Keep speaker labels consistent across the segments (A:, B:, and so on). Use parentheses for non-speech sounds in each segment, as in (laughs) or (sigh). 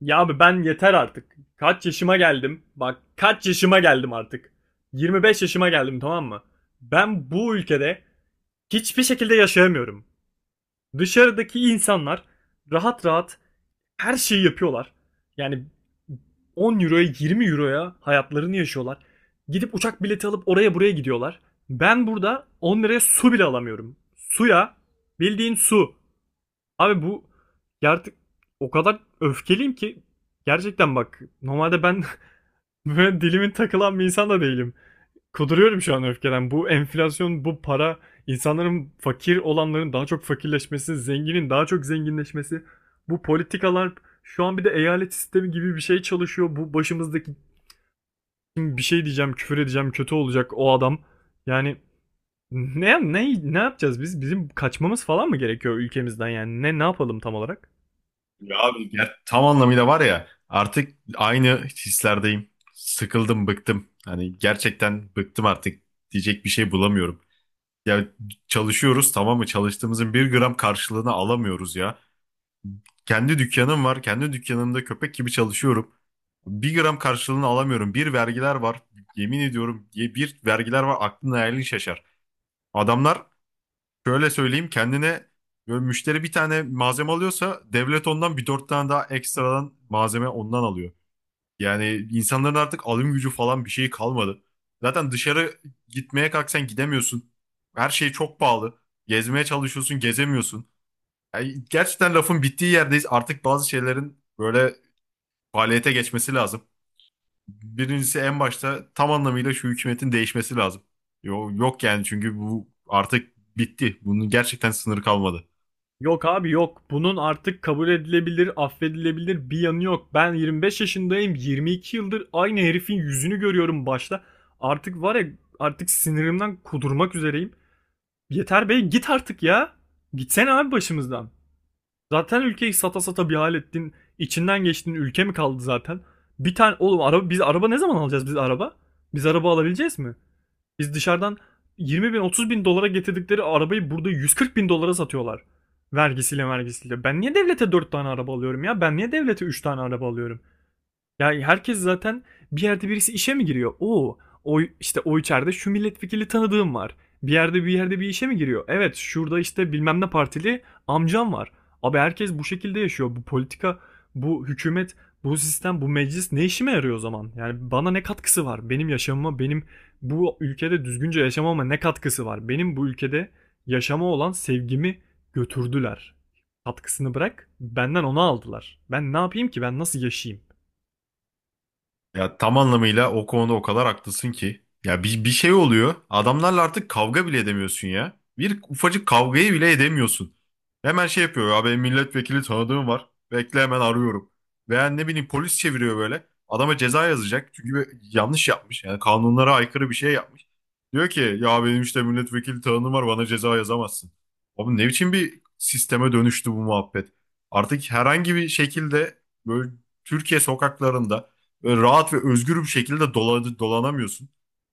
A: Ya abi ben yeter artık. Kaç yaşıma geldim? Bak kaç yaşıma geldim artık. 25 yaşıma geldim, tamam mı? Ben bu ülkede hiçbir şekilde yaşayamıyorum. Dışarıdaki insanlar rahat rahat her şeyi yapıyorlar. Yani 10 euroya 20 euroya hayatlarını yaşıyorlar. Gidip uçak bileti alıp oraya buraya gidiyorlar. Ben burada 10 liraya su bile alamıyorum. Suya, bildiğin su. Abi bu, ya artık o kadar öfkeliyim ki, gerçekten bak, normalde ben (laughs) böyle dilimin takılan bir insan da değilim. Kuduruyorum şu an öfkeden. Bu enflasyon, bu para, insanların, fakir olanların daha çok fakirleşmesi, zenginin daha çok zenginleşmesi, bu politikalar, şu an bir de eyalet sistemi gibi bir şey çalışıyor. Bu başımızdaki... Şimdi bir şey diyeceğim, küfür edeceğim, kötü olacak o adam. Yani ne yapacağız biz? Bizim kaçmamız falan mı gerekiyor ülkemizden yani? Ne yapalım tam olarak?
B: Ya abi ya tam anlamıyla var ya artık aynı hislerdeyim. Sıkıldım, bıktım. Hani gerçekten bıktım artık diyecek bir şey bulamıyorum. Ya çalışıyoruz tamam mı? Çalıştığımızın bir gram karşılığını alamıyoruz ya. Kendi dükkanım var. Kendi dükkanımda köpek gibi çalışıyorum. Bir gram karşılığını alamıyorum. Bir vergiler var. Yemin ediyorum diye bir vergiler var. Aklın hayalin şaşar. Adamlar. Şöyle söyleyeyim kendine, böyle müşteri bir tane malzeme alıyorsa devlet ondan bir dört tane daha ekstradan malzeme ondan alıyor. Yani insanların artık alım gücü falan bir şey kalmadı. Zaten dışarı gitmeye kalksan gidemiyorsun. Her şey çok pahalı. Gezmeye çalışıyorsun gezemiyorsun. Yani gerçekten lafın bittiği yerdeyiz. Artık bazı şeylerin böyle faaliyete geçmesi lazım. Birincisi en başta tam anlamıyla şu hükümetin değişmesi lazım. Yok yani, çünkü bu artık bitti. Bunun gerçekten sınırı kalmadı.
A: Yok abi, yok. Bunun artık kabul edilebilir, affedilebilir bir yanı yok. Ben 25 yaşındayım. 22 yıldır aynı herifin yüzünü görüyorum başta. Artık var ya, artık sinirimden kudurmak üzereyim. Yeter bey, git artık ya. Gitsene abi başımızdan. Zaten ülkeyi sata sata bir hal ettin. İçinden geçtin. Ülke mi kaldı zaten? Bir tane oğlum araba, biz araba ne zaman alacağız, biz araba? Biz araba alabileceğiz mi? Biz dışarıdan 20 bin 30 bin dolara getirdikleri arabayı burada 140 bin dolara satıyorlar. Vergisiyle vergisiyle. Ben niye devlete 4 tane araba alıyorum ya? Ben niye devlete 3 tane araba alıyorum? Ya herkes zaten bir yerde, birisi işe mi giriyor? Oo, o işte, o içeride şu milletvekili tanıdığım var. Bir yerde, bir yerde bir işe mi giriyor? Evet, şurada işte bilmem ne partili amcam var. Abi herkes bu şekilde yaşıyor. Bu politika, bu hükümet, bu sistem, bu meclis ne işime yarıyor o zaman? Yani bana ne katkısı var? Benim yaşamıma, benim bu ülkede düzgünce yaşamama ne katkısı var? Benim bu ülkede yaşama olan sevgimi götürdüler. Katkısını bırak, benden onu aldılar. Ben ne yapayım ki? Ben nasıl yaşayayım?
B: Ya tam anlamıyla o konuda o kadar haklısın ki. Ya bir şey oluyor. Adamlarla artık kavga bile edemiyorsun ya. Bir ufacık kavgayı bile edemiyorsun. Hemen şey yapıyor. Abi milletvekili tanıdığım var. Bekle hemen arıyorum. Veya ne bileyim polis çeviriyor böyle. Adama ceza yazacak. Çünkü yanlış yapmış. Yani kanunlara aykırı bir şey yapmış. Diyor ki ya benim işte milletvekili tanıdığım var, bana ceza yazamazsın. Abi ne biçim bir sisteme dönüştü bu muhabbet. Artık herhangi bir şekilde böyle Türkiye sokaklarında böyle rahat ve özgür bir şekilde dolanamıyorsun.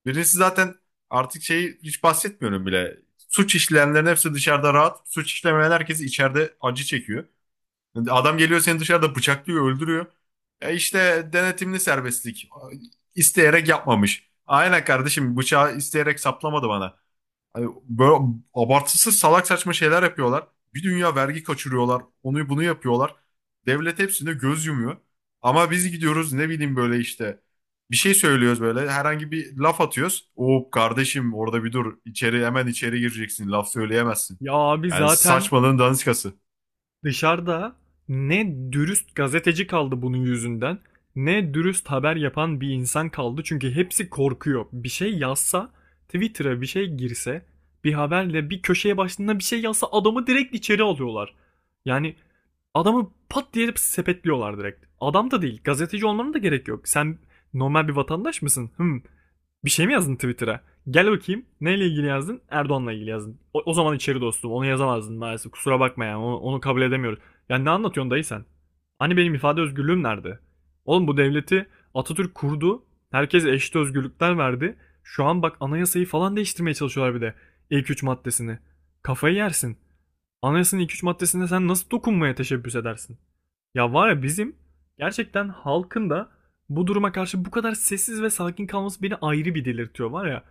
B: Birincisi zaten artık şeyi hiç bahsetmiyorum bile. Suç işleyenlerin hepsi dışarıda rahat. Suç işlemeyen herkes içeride acı çekiyor. Yani adam geliyor seni dışarıda bıçaklıyor, öldürüyor. E işte denetimli serbestlik. İsteyerek yapmamış. Aynen kardeşim, bıçağı isteyerek saplamadı bana. Hani böyle abartısı salak saçma şeyler yapıyorlar. Bir dünya vergi kaçırıyorlar. Onu bunu yapıyorlar. Devlet hepsine göz yumuyor. Ama biz gidiyoruz ne bileyim böyle işte bir şey söylüyoruz, böyle herhangi bir laf atıyoruz. Oo kardeşim, orada bir dur, içeri hemen içeri gireceksin, laf söyleyemezsin.
A: Ya abi,
B: Yani
A: zaten
B: saçmalığın daniskası.
A: dışarıda ne dürüst gazeteci kaldı bunun yüzünden, ne dürüst haber yapan bir insan kaldı. Çünkü hepsi korkuyor. Bir şey yazsa, Twitter'a bir şey girse, bir haberle, bir köşeye başlığında bir şey yazsa adamı direkt içeri alıyorlar. Yani adamı pat diye sepetliyorlar direkt. Adam da değil, gazeteci olmanın da gerek yok. Sen normal bir vatandaş mısın? Hmm. Bir şey mi yazdın Twitter'a? Gel bakayım. Neyle ilgili yazdın? Erdoğan'la ilgili yazdın. O zaman içeri dostum. Onu yazamazdın maalesef. Kusura bakma yani. Onu kabul edemiyoruz. Yani ne anlatıyorsun dayı sen? Hani benim ifade özgürlüğüm nerede? Oğlum bu devleti Atatürk kurdu. Herkese eşit özgürlükler verdi. Şu an bak, anayasayı falan değiştirmeye çalışıyorlar bir de. İlk 3 maddesini. Kafayı yersin. Anayasanın ilk 3 maddesine sen nasıl dokunmaya teşebbüs edersin? Ya var ya, bizim gerçekten halkın da bu duruma karşı bu kadar sessiz ve sakin kalması beni ayrı bir delirtiyor var ya.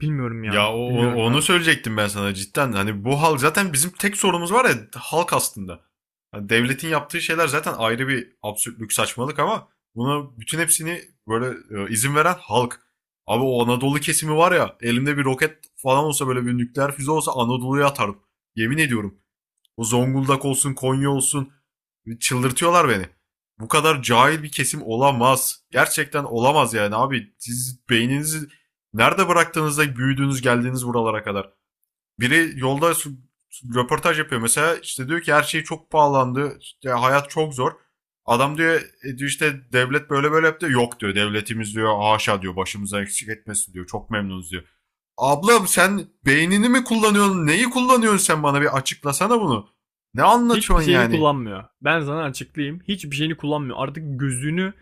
A: Bilmiyorum ya.
B: Ya
A: Bilmiyorum ya.
B: onu söyleyecektim ben sana cidden. Hani bu hal zaten bizim tek sorunumuz var ya, halk aslında. Hani devletin yaptığı şeyler zaten ayrı bir absürtlük, saçmalık ama buna bütün hepsini böyle izin veren halk. Abi o Anadolu kesimi var ya, elimde bir roket falan olsa, böyle bir nükleer füze olsa Anadolu'ya atarım. Yemin ediyorum. O Zonguldak olsun, Konya olsun. Çıldırtıyorlar beni. Bu kadar cahil bir kesim olamaz. Gerçekten olamaz yani abi. Siz beyninizi nerede bıraktığınızda büyüdüğünüz geldiğiniz buralara kadar. Biri yolda röportaj yapıyor mesela, işte diyor ki her şey çok pahalandı. İşte hayat çok zor. Adam diyor diyor işte devlet böyle böyle yaptı. Yok diyor, devletimiz diyor, haşa diyor, başımıza eksik etmesin diyor. Çok memnunuz diyor. Ablam sen beynini mi kullanıyorsun? Neyi kullanıyorsun sen, bana bir açıklasana bunu. Ne
A: Hiçbir
B: anlatıyorsun
A: şeyini
B: yani?
A: kullanmıyor. Ben sana açıklayayım. Hiçbir şeyini kullanmıyor. Artık gözünü,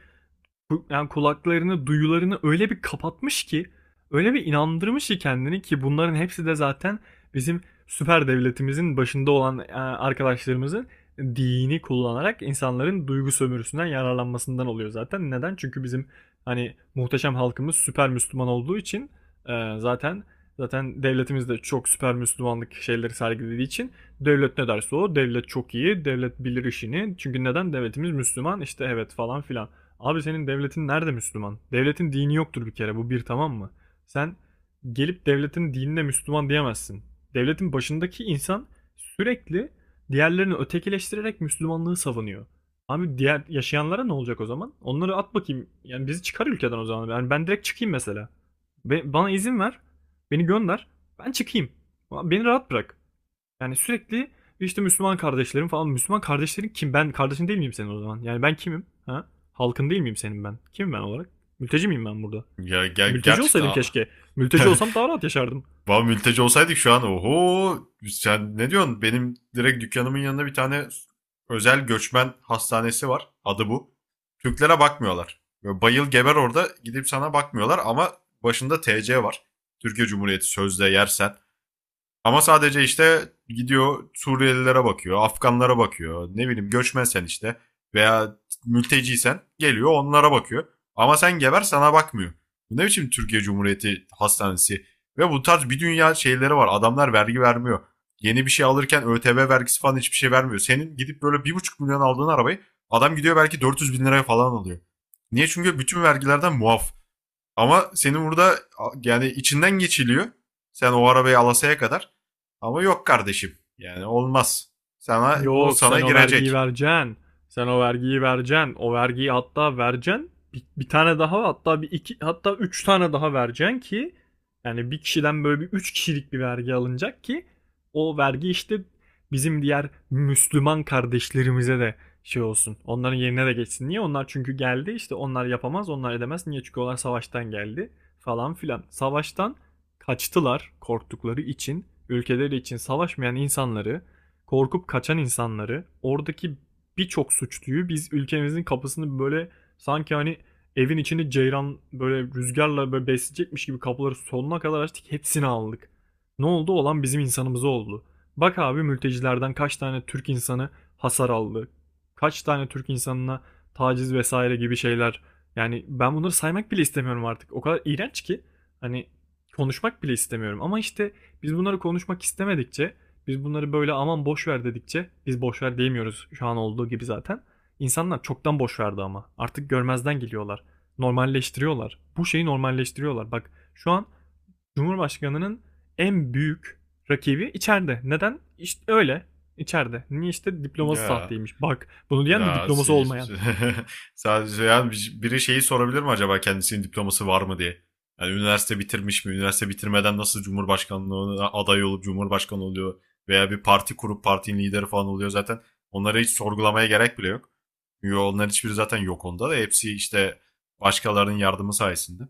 A: yani kulaklarını, duyularını öyle bir kapatmış ki, öyle bir inandırmış ki kendini, ki bunların hepsi de zaten bizim süper devletimizin başında olan arkadaşlarımızın dini kullanarak insanların duygu sömürüsünden yararlanmasından oluyor zaten. Neden? Çünkü bizim hani muhteşem halkımız süper Müslüman olduğu için, e, zaten zaten devletimiz de çok süper Müslümanlık şeyleri sergilediği için devlet ne derse, o devlet çok iyi devlet, bilir işini. Çünkü neden? Devletimiz Müslüman işte, evet falan filan. Abi senin devletin nerede Müslüman? Devletin dini yoktur bir kere, bu bir, tamam mı? Sen gelip devletin dinine Müslüman diyemezsin. Devletin başındaki insan sürekli diğerlerini ötekileştirerek Müslümanlığı savunuyor. Abi diğer yaşayanlara ne olacak o zaman? Onları at bakayım. Yani bizi çıkar ülkeden o zaman. Yani ben direkt çıkayım mesela. Bana izin ver. Beni gönder. Ben çıkayım. Beni rahat bırak. Yani sürekli işte Müslüman kardeşlerim falan. Müslüman kardeşlerin kim? Ben kardeşin değil miyim senin o zaman? Yani ben kimim? Ha? Halkın değil miyim senin ben? Kimim ben olarak? Mülteci miyim ben burada?
B: Ya
A: Mülteci olsaydım
B: gerçekten.
A: keşke. Mülteci olsam daha rahat yaşardım.
B: Vallahi mülteci olsaydık şu an oho sen ne diyorsun? Benim direkt dükkanımın yanında bir tane özel göçmen hastanesi var. Adı bu. Türklere bakmıyorlar. Böyle bayıl geber orada, gidip sana bakmıyorlar ama başında TC var. Türkiye Cumhuriyeti sözde, yersen, ama sadece işte gidiyor Suriyelilere bakıyor, Afganlara bakıyor. Ne bileyim göçmensen işte veya mülteciysen geliyor onlara bakıyor. Ama sen geber, sana bakmıyor. Bu ne biçim Türkiye Cumhuriyeti hastanesi? Ve bu tarz bir dünya şeyleri var. Adamlar vergi vermiyor. Yeni bir şey alırken ÖTV vergisi falan hiçbir şey vermiyor. Senin gidip böyle 1,5 milyon aldığın arabayı adam gidiyor belki 400 bin liraya falan alıyor. Niye? Çünkü bütün vergilerden muaf. Ama senin burada yani içinden geçiliyor. Sen o arabayı alasaya kadar. Ama yok kardeşim. Yani olmaz. Sana onu
A: Yok,
B: sana
A: sen o vergiyi
B: girecek.
A: vereceksin. Sen o vergiyi vereceksin. O vergiyi hatta vereceksin. Bir tane daha, hatta bir iki, hatta üç tane daha vereceksin ki, yani bir kişiden böyle bir üç kişilik bir vergi alınacak ki o vergi işte bizim diğer Müslüman kardeşlerimize de şey olsun. Onların yerine de geçsin. Niye? Onlar çünkü geldi işte, onlar yapamaz, onlar edemez. Niye? Çünkü onlar savaştan geldi falan filan. Savaştan kaçtılar, korktukları için ülkeleri için savaşmayan insanları, korkup kaçan insanları, oradaki birçok suçluyu, biz ülkemizin kapısını böyle sanki hani evin içini ceyran böyle rüzgarla böyle besleyecekmiş gibi kapıları sonuna kadar açtık, hepsini aldık. Ne oldu? Olan bizim insanımız oldu. Bak abi, mültecilerden kaç tane Türk insanı hasar aldı. Kaç tane Türk insanına taciz vesaire gibi şeyler. Yani ben bunları saymak bile istemiyorum artık. O kadar iğrenç ki hani konuşmak bile istemiyorum. Ama işte biz bunları konuşmak istemedikçe, biz bunları böyle aman boş ver dedikçe, biz boş ver diyemiyoruz şu an olduğu gibi zaten. İnsanlar çoktan boş verdi ama. Artık görmezden geliyorlar. Normalleştiriyorlar. Bu şeyi normalleştiriyorlar. Bak şu an Cumhurbaşkanı'nın en büyük rakibi içeride. Neden? İşte öyle. İçeride. Niye? İşte diploması
B: Ya
A: sahteymiş. Bak, bunu diyen de
B: Ya,
A: diploması
B: si-
A: olmayan.
B: (laughs) Sadece ya biri şeyi sorabilir mi acaba, kendisinin diploması var mı diye? Yani üniversite bitirmiş mi? Üniversite bitirmeden nasıl Cumhurbaşkanlığına aday olup Cumhurbaşkanı oluyor? Veya bir parti kurup partinin lideri falan oluyor zaten. Onları hiç sorgulamaya gerek bile yok. Çünkü onlar hiçbiri zaten yok onda da. Hepsi işte başkalarının yardımı sayesinde.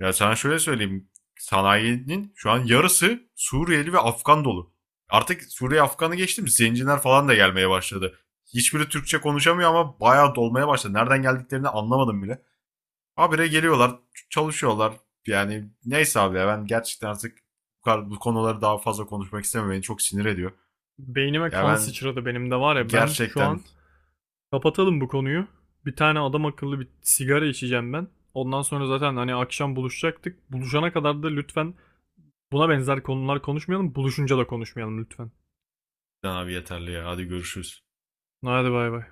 B: Ya sana şöyle söyleyeyim. Sanayinin şu an yarısı Suriyeli ve Afgan dolu. Artık Suriye Afgan'ı geçtim. Zenciler falan da gelmeye başladı. Hiçbiri Türkçe konuşamıyor ama bayağı dolmaya başladı. Nereden geldiklerini anlamadım bile. Habire geliyorlar, çalışıyorlar. Yani neyse abi ya, ben gerçekten artık bu konuları daha fazla konuşmak istemiyorum. Beni çok sinir ediyor.
A: Beynime
B: Ya
A: kan
B: ben
A: sıçradı benim de var ya, ben şu
B: gerçekten
A: an... Kapatalım bu konuyu. Bir tane adam akıllı bir sigara içeceğim ben. Ondan sonra zaten hani akşam buluşacaktık. Buluşana kadar da lütfen buna benzer konular konuşmayalım. Buluşunca da konuşmayalım lütfen.
B: abi, yeterli ya. Hadi görüşürüz.
A: Hadi bay bay.